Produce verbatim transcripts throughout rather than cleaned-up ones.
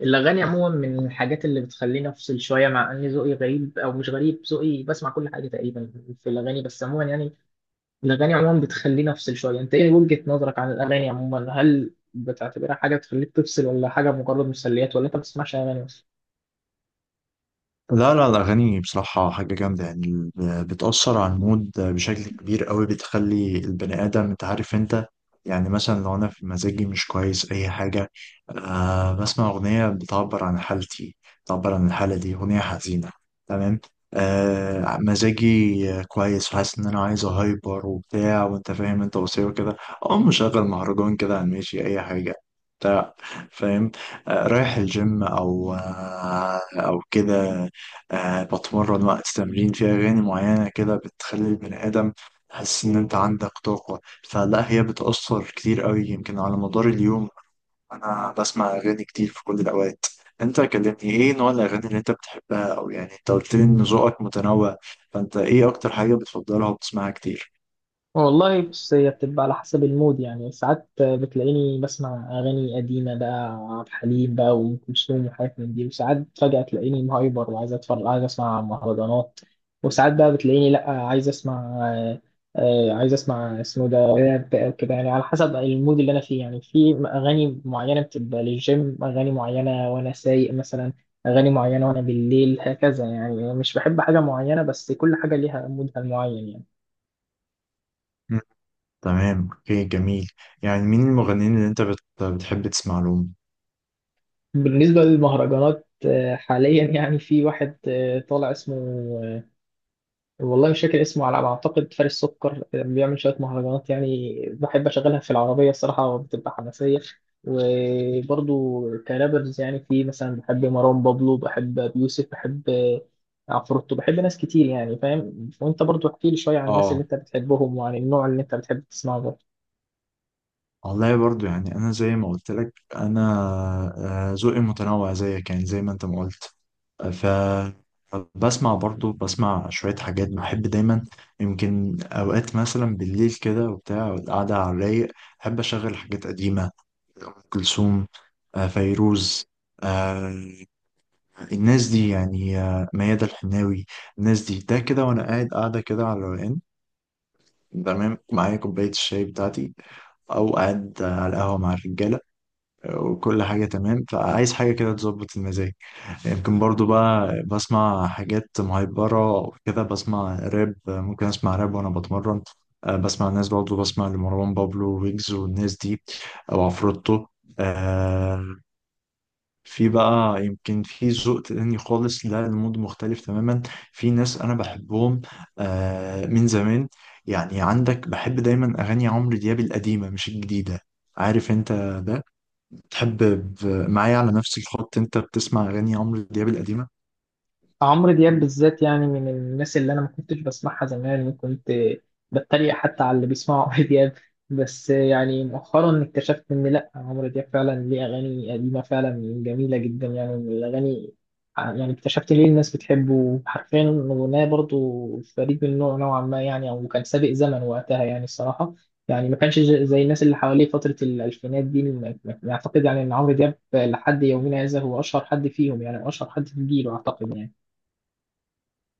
الأغاني عموما من الحاجات اللي بتخليني أفصل شوية، مع إن ذوقي غريب أو مش غريب. ذوقي بسمع كل حاجة تقريبا في الأغاني، بس عموما يعني الأغاني عموما بتخليني أفصل شوية. أنت إيه وجهة نظرك عن الأغاني عموما؟ هل بتعتبرها حاجة بتخليك تفصل ولا حاجة مجرد مسليات، ولا أنت ما بتسمعش أغاني أصلا؟ لا لا، الأغاني بصراحة حاجة جامدة. يعني ب- بتأثر على المود بشكل كبير قوي، بتخلي البني آدم، أنت عارف أنت. يعني مثلا لو أنا في مزاجي مش كويس أي حاجة، آه بسمع أغنية بتعبر عن حالتي، بتعبر عن الحالة دي، أغنية حزينة. تمام. آه مزاجي آه، كويس وحاسس إن أنا عايز أهايبر وبتاع، وأنت فاهم أنت، وصير كده، أقوم مشغل مهرجان كده على الماشي أي حاجة بتاع، فاهم. آه رايح الجيم أو آه أو كده، آه بتمرن وقت تمرين، في أغاني معينة كده بتخلي البني آدم تحس إن أنت عندك طاقة. فلا، هي بتأثر كتير قوي يمكن على مدار اليوم. أنا بسمع أغاني كتير في كل الأوقات. أنت كلمني، إيه نوع الأغاني اللي أنت بتحبها؟ أو يعني أنت قلت لي إن ذوقك متنوع، فأنت إيه أكتر حاجة بتفضلها وبتسمعها كتير؟ والله بص، هي بتبقى على حسب المود، يعني ساعات بتلاقيني بسمع أغاني قديمة بقى، عبد الحليم بقى وأم كلثوم وحاجات من دي. وساعات فجأة تلاقيني مهايبر وعايز أتفرج، عايز أسمع مهرجانات. وساعات بقى بتلاقيني لأ، عايز أسمع آه، عايز أسمع اسمه ده راب أو كده، يعني على حسب المود اللي أنا فيه. يعني في أغاني معينة بتبقى للجيم، أغاني معينة وأنا سايق مثلا، أغاني معينة وأنا بالليل هكذا. يعني مش بحب حاجة معينة بس كل حاجة ليها مودها المعين يعني. مم. تمام، أوكي، جميل. يعني مين المغنيين اللي أنت بت... بتحب تسمع لهم؟ بالنسبة للمهرجانات، آه، حاليا يعني في واحد آه، طالع اسمه، آه، والله مش فاكر اسمه، على ما أعتقد فارس سكر، آه، بيعمل شوية مهرجانات. يعني بحب أشغلها في العربية، الصراحة بتبقى حماسية. وبرضو كرابرز يعني، في مثلا بحب مروان بابلو، بحب أبي يوسف، بحب آه، عفروتو، بحب ناس كتير يعني، فاهم. وأنت برضو احكي لي شوية عن الناس اللي آه، أنت بتحبهم وعن النوع اللي أنت بتحب تسمعه. والله برضو يعني انا زي ما قلت لك، انا آه، ذوقي متنوع زيك، يعني زي ما انت ما قلت. ف بسمع برضو، بسمع شوية حاجات بحب دايما. يمكن أوقات مثلا بالليل كده وبتاع، القعدة على الرايق، أحب أشغل حاجات قديمة. أم كلثوم، آه، فيروز، آه، الناس دي يعني، آه، ميادة الحناوي، الناس دي، ده كده وأنا قاعد قاعدة كده على الروقان، تمام، معايا كوباية الشاي بتاعتي، أو قاعد على القهوة مع الرجالة، وكل حاجة تمام. فعايز حاجة كده تظبط المزاج. يمكن برضو بقى بسمع حاجات مهيبرة وكده، بسمع راب، ممكن أسمع راب وأنا بتمرن. آه، بسمع الناس، برضو بسمع لمروان بابلو ويجز والناس دي، أو عفروتو. آه، في بقى يمكن في ذوق تاني خالص، لا المود مختلف تماما. في ناس أنا بحبهم آه، من زمان. يعني عندك، بحب دايما أغاني عمرو دياب القديمة مش الجديدة، عارف انت ده، تحب ب- معايا على نفس الخط؟ انت بتسمع اغاني عمرو دياب القديمه؟ عمرو دياب بالذات، يعني من الناس اللي انا ما كنتش بسمعها زمان. كنت بتريق حتى على اللي بيسمعوا عمرو دياب. بس يعني مؤخرا اكتشفت ان لا، عمرو دياب فعلا ليه اغاني قديمه فعلا جميله جدا، يعني من الاغاني. يعني اكتشفت ليه الناس بتحبه حرفيا. اغنيه برضو فريد من نوع نوعا ما، يعني او كان سابق زمن وقتها يعني الصراحه. يعني ما كانش زي زي الناس اللي حواليه فتره الالفينات دي، ما- ما- اعتقد يعني ان عمرو دياب لحد يومنا هذا هو اشهر حد فيهم، يعني اشهر حد في جيله اعتقد يعني.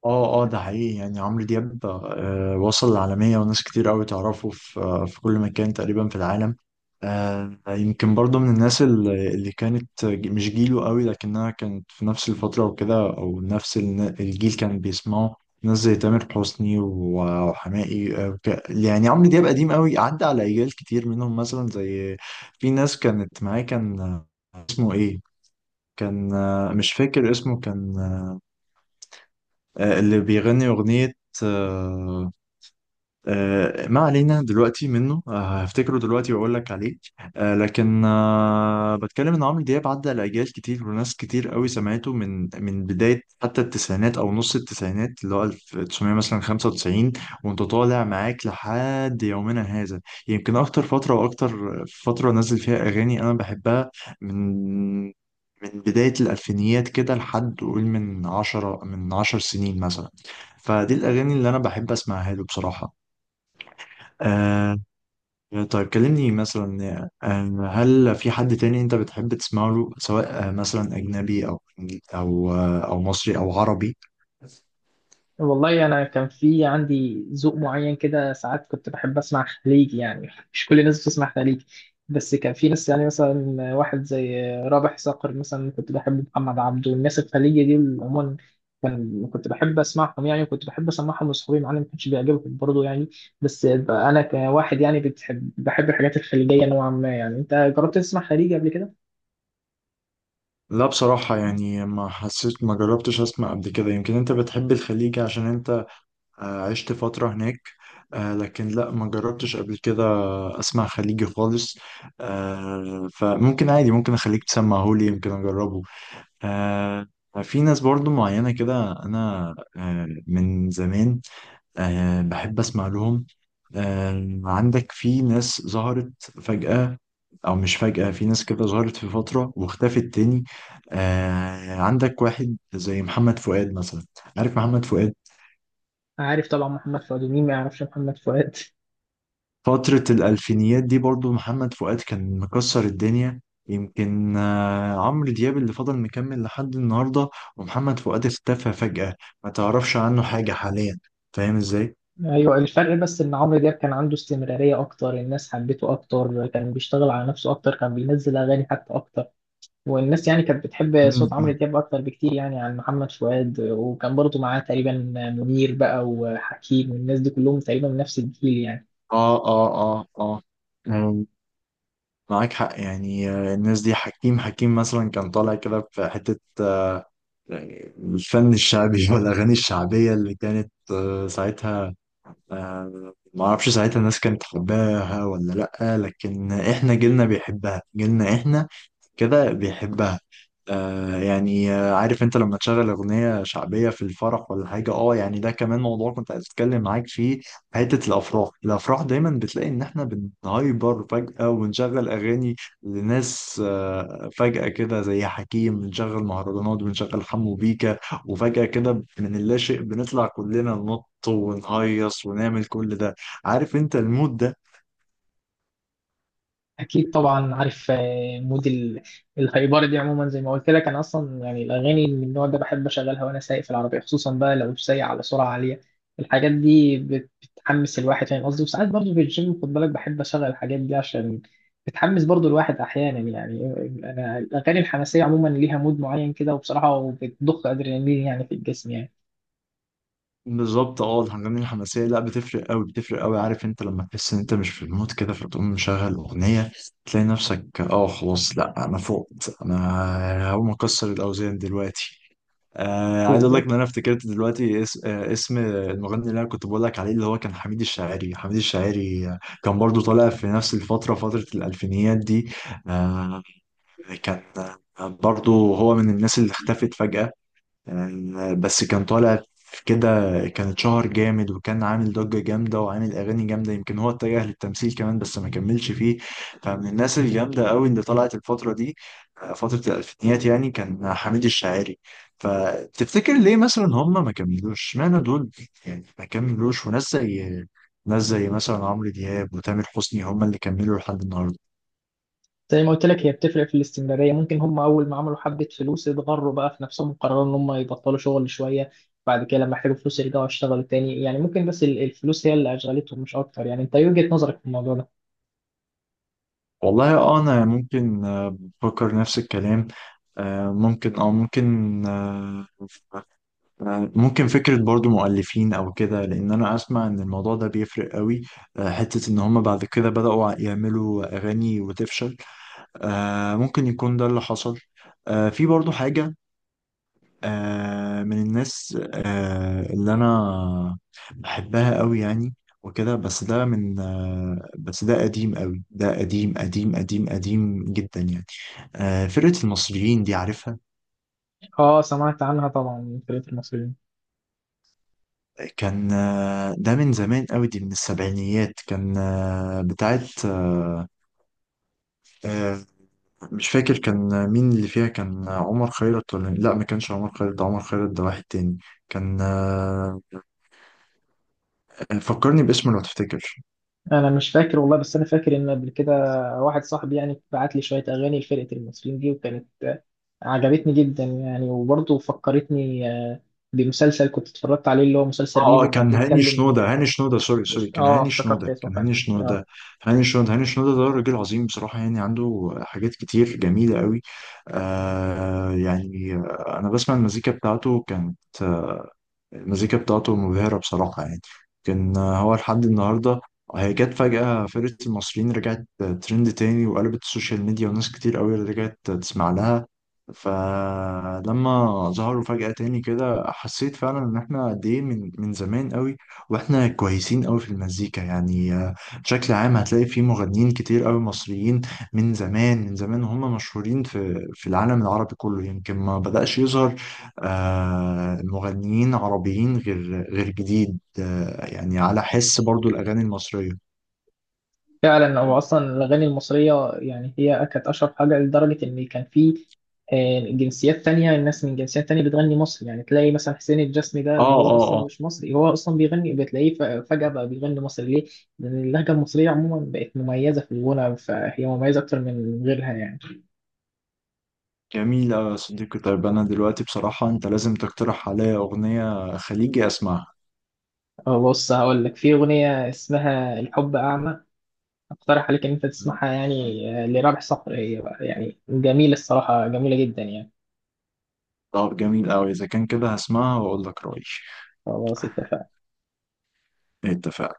اه اه، ده حقيقي. يعني عمرو دياب آه، وصل للعالميه وناس كتير قوي تعرفه في آه، في كل مكان تقريبا في العالم. آه، يمكن برضه من الناس اللي اللي كانت ج- مش جيله قوي، لكنها كانت في نفس الفتره وكده، او نفس الن- الجيل كان بيسمعه. ناس زي تامر حسني و- وحماقي، آه، وك- يعني عمرو دياب قديم قوي، عدى على اجيال كتير منهم مثلا زي، في ناس كانت معاه، كان آه، اسمه ايه، كان آه، مش فاكر اسمه، كان آه، اللي بيغني أغنية آه، آه، ما علينا دلوقتي منه، آه، هفتكره دلوقتي واقول لك عليه. آه، لكن آه، بتكلم ان عمرو دياب عدى لاجيال كتير، وناس كتير قوي سمعته، من من بدايه حتى التسعينات، او نص التسعينات، اللي هو ألف وتسعمية مثلا خمسة وتسعين، وانت طالع معاك لحد يومنا هذا. يمكن اكتر فتره، واكتر فتره نزل فيها اغاني انا بحبها، من من بداية الألفينيات كده لحد قول من عشرة، من عشر سنين مثلا، فدي الأغاني اللي أنا بحب أسمعها له بصراحة. آه. طيب، كلمني مثلا، آه هل في حد تاني انت بتحب تسمع له، سواء آه مثلا اجنبي او او آه او مصري او عربي. والله انا كان في عندي ذوق معين كده، ساعات كنت بحب اسمع خليجي. يعني مش كل الناس بتسمع خليجي، بس كان في ناس، يعني مثلا واحد زي رابح صقر مثلا، كنت بحب محمد عبده والناس الخليجي دي عموما. كان كنت بحب اسمعهم يعني، وكنت بحب اسمعهم لاصحابي، معانا ما كانش بيعجبهم برضه يعني. بس بقى انا كواحد يعني بتحب بحب الحاجات الخليجيه نوعا ما يعني. انت جربت تسمع خليجي قبل كده؟ لا بصراحة، يعني ما حسيت، ما جربتش اسمع قبل كده. يمكن انت بتحب الخليج عشان انت آه عشت فترة هناك. آه لكن لا، ما جربتش قبل كده اسمع خليجي خالص. آه فممكن عادي، ممكن اخليك تسمعهولي، يمكن اجربه. آه في ناس برضو معينة كده أنا آه من زمان آه بحب أسمع لهم. آه عندك في ناس ظهرت فجأة، أو مش فجأة، في ناس كده ظهرت في فترة واختفت تاني. آه عندك واحد زي محمد فؤاد مثلا، عارف محمد فؤاد؟ عارف طبعا محمد فؤاد، ومين ما يعرفش محمد فؤاد. فترة الألفينيات دي برضو محمد فؤاد كان مكسر الدنيا. يمكن آه، عمرو دياب اللي فضل مكمل لحد النهاردة، ومحمد فؤاد اختفى فجأة، ما تعرفش عنه حاجة حاليا، فاهم ازاي؟ ايوه، الفرق بس ان عمرو دياب كان عنده استمراريه اكتر، الناس حبته اكتر، كان بيشتغل على نفسه اكتر، كان بينزل اغاني حتى اكتر. والناس يعني كانت بتحب صوت مم، عمرو مم. دياب اكتر بكتير يعني عن محمد فؤاد. وكان برضه معاه تقريبا منير بقى وحكيم، والناس دي كلهم تقريبا من نفس الجيل يعني. اه اه، اه اه، مم، معاك حق. يعني آه، الناس دي، حكيم، حكيم مثلا كان طالع كده في حتة آه، الفن الشعبي والأغاني الشعبية اللي كانت آه، ساعتها، آه، ما اعرفش ساعتها الناس كانت حباها ولا لأ، لكن احنا جيلنا بيحبها، جيلنا احنا كده بيحبها. آه يعني آه عارف انت لما تشغل اغنية شعبية في الفرح ولا حاجة؟ اه يعني ده كمان موضوع كنت عايز اتكلم معاك فيه. حتة الافراح، الافراح دايما بتلاقي ان احنا بنهايبر فجأة ونشغل اغاني لناس آه فجأة كده زي حكيم، بنشغل مهرجانات، بنشغل حمو بيكا، وفجأة كده من اللا شيء بنطلع كلنا ننط ونهيص ونعمل كل ده، عارف انت المود ده؟ اكيد طبعا عارف، آه، مود ال- الهايبره دي عموما. زي ما قلت لك انا اصلا يعني الاغاني من النوع ده بحب اشغلها وانا سايق في العربيه، خصوصا بقى لو سايق على سرعه عاليه، الحاجات دي بت- بتحمس الواحد، فاهم قصدي. وساعات برضه في الجيم خد بالك بحب اشغل الحاجات دي، عشان بتحمس برضه الواحد احيانا يعني. انا الاغاني الحماسيه عموما ليها مود معين كده وبصراحه، وبتضخ ادرينالين يعني في الجسم يعني. بالظبط. اه، الحاجات دي الحماسيه لا بتفرق قوي، بتفرق قوي. عارف انت لما تحس ان انت مش في المود كده، فتقوم مشغل اغنيه، تلاقي نفسك اه، خلاص لا، انا فقت، انا هقوم اكسر الاوزان دلوقتي. آه عايز اقول لك ان بالظبط. انا افتكرت دلوقتي اس... آه اسم المغني اللي انا كنت بقول لك عليه، اللي هو كان حميد الشاعري، حميد الشاعري، آه، كان برضو طالع في نفس الفتره، فتره الالفينيات دي. آه، كان آه، برضو هو من الناس اللي اختفت فجاه، آه، بس كان طالع في كده، كان اتشهر جامد، وكان عامل ضجة جامدة، وعامل أغاني جامدة. يمكن هو اتجه للتمثيل كمان بس ما كملش فيه. فمن الناس الجامدة قوي اللي طلعت الفترة دي، آه، فترة الألفينيات، يعني كان حميد الشاعري. فتفتكر ليه مثلا هم ما كملوش، اشمعنى دول يعني ما كملوش؟ وناس زي، ناس زي مثلا عمرو دياب وتامر حسني هم اللي كملوا لحد النهاردة. زي ما قلت لك، هي بتفرق في الاستمرارية. ممكن هم أول ما عملوا حبة فلوس اتغروا بقى في نفسهم وقرروا إن هم يبطلوا شغل شوية، بعد كده لما احتاجوا فلوس يرجعوا يشتغلوا تاني يعني. ممكن بس ال- الفلوس هي اللي أشغلتهم مش أكتر يعني. أنت إيه وجهة نظرك في الموضوع ده؟ والله اه، انا ممكن آه، بفكر نفس الكلام. آه، ممكن اه ممكن آه، آه، ممكن فكرة برضو مؤلفين او كده، لان انا اسمع ان الموضوع ده بيفرق قوي، آه، حتة ان هم بعد كده بدأوا يعملوا اغاني وتفشل، آه، ممكن يكون ده اللي حصل. آه، في برضو حاجة آه من الناس آه اللي انا بحبها قوي يعني وكده، بس ده من آه بس ده قديم قوي، ده قديم قديم قديم قديم جدا يعني. آه فرقة المصريين دي، عارفها؟ أه سمعت عنها طبعا، من فرقة المصريين. كان آه ده من زمان قوي، دي من السبعينيات، كان آه بتاعت آه آه مش فاكر كان مين اللي فيها، كان عمر خيرت ولا لا، ما كانش عمر خيرت، ده عمر خيرت ده واحد تاني. كان آه فكرني باسمه لو تفتكر. أنا مش فاكر والله، بس أنا فاكر إن قبل كده واحد صاحبي يعني بعت لي شوية أغاني لفرقة المصريين دي، وكانت آه، عجبتني جدا يعني. وبرضه فكرتني آه، بمسلسل كنت اتفرجت عليه، اللي هو مسلسل اه اه، ريفو، كان كان هاني بيتكلم. شنودة، هاني شنودة، سوري سوري، مش، كان اه هاني افتكرت شنودة، اسمه كان فعلا هاني آه. شنودة، هاني شنودة. هاني شنودة ده راجل عظيم بصراحة، يعني عنده حاجات كتير جميلة قوي. آه يعني آه، أنا بسمع المزيكا بتاعته، كانت المزيكا بتاعته مبهرة بصراحة يعني، كان هو لحد النهاردة. هي جت فجأة، فرقة المصريين رجعت ترند تاني، وقلبت السوشيال ميديا، وناس كتير قوي رجعت تسمع لها. فلما ظهروا فجأة تاني كده، حسيت فعلا ان احنا قد ايه من من زمان قوي واحنا كويسين قوي في المزيكا يعني. آه، بشكل عام هتلاقي في مغنيين كتير قوي مصريين من زمان، من زمان، وهم مشهورين في في العالم العربي كله. يمكن ما بدأش يظهر آه، المغنيين عربيين غير غير جديد، آه، يعني على حس برضو الأغاني المصرية. فعلا هو اصلا الاغاني المصريه يعني هي كانت اشهر حاجه، لدرجه ان كان في آه، جنسيات تانية، الناس من جنسيات تانية بتغني مصري. يعني تلاقي مثلا حسين الجسمي ده اه اللي هو اه اصلا اه. مش مصري، هو اصلا بيغني، بتلاقيه ف- فجاه بقى بيغني مصري، ليه؟ لان اللهجه المصريه عموما بقت مميزه في الغنى، فهي مميزه اكتر من غيرها يعني. جميل أوي يا صديقي. طيب أنا دلوقتي بصراحة أنت لازم تقترح عليا أغنية خليجي أسمعها. آه، بص هقول لك، في اغنيه اسمها الحب اعمى، اقترح عليك ان انت تسمعها. يعني آه، لرابح صقر، هي بقى يعني جميله الصراحه، جميله جدا يعني. طب جميل أوي، إذا كان كده هسمعها وأقول لك رأيي. خلاص اتفقنا. اتفقنا.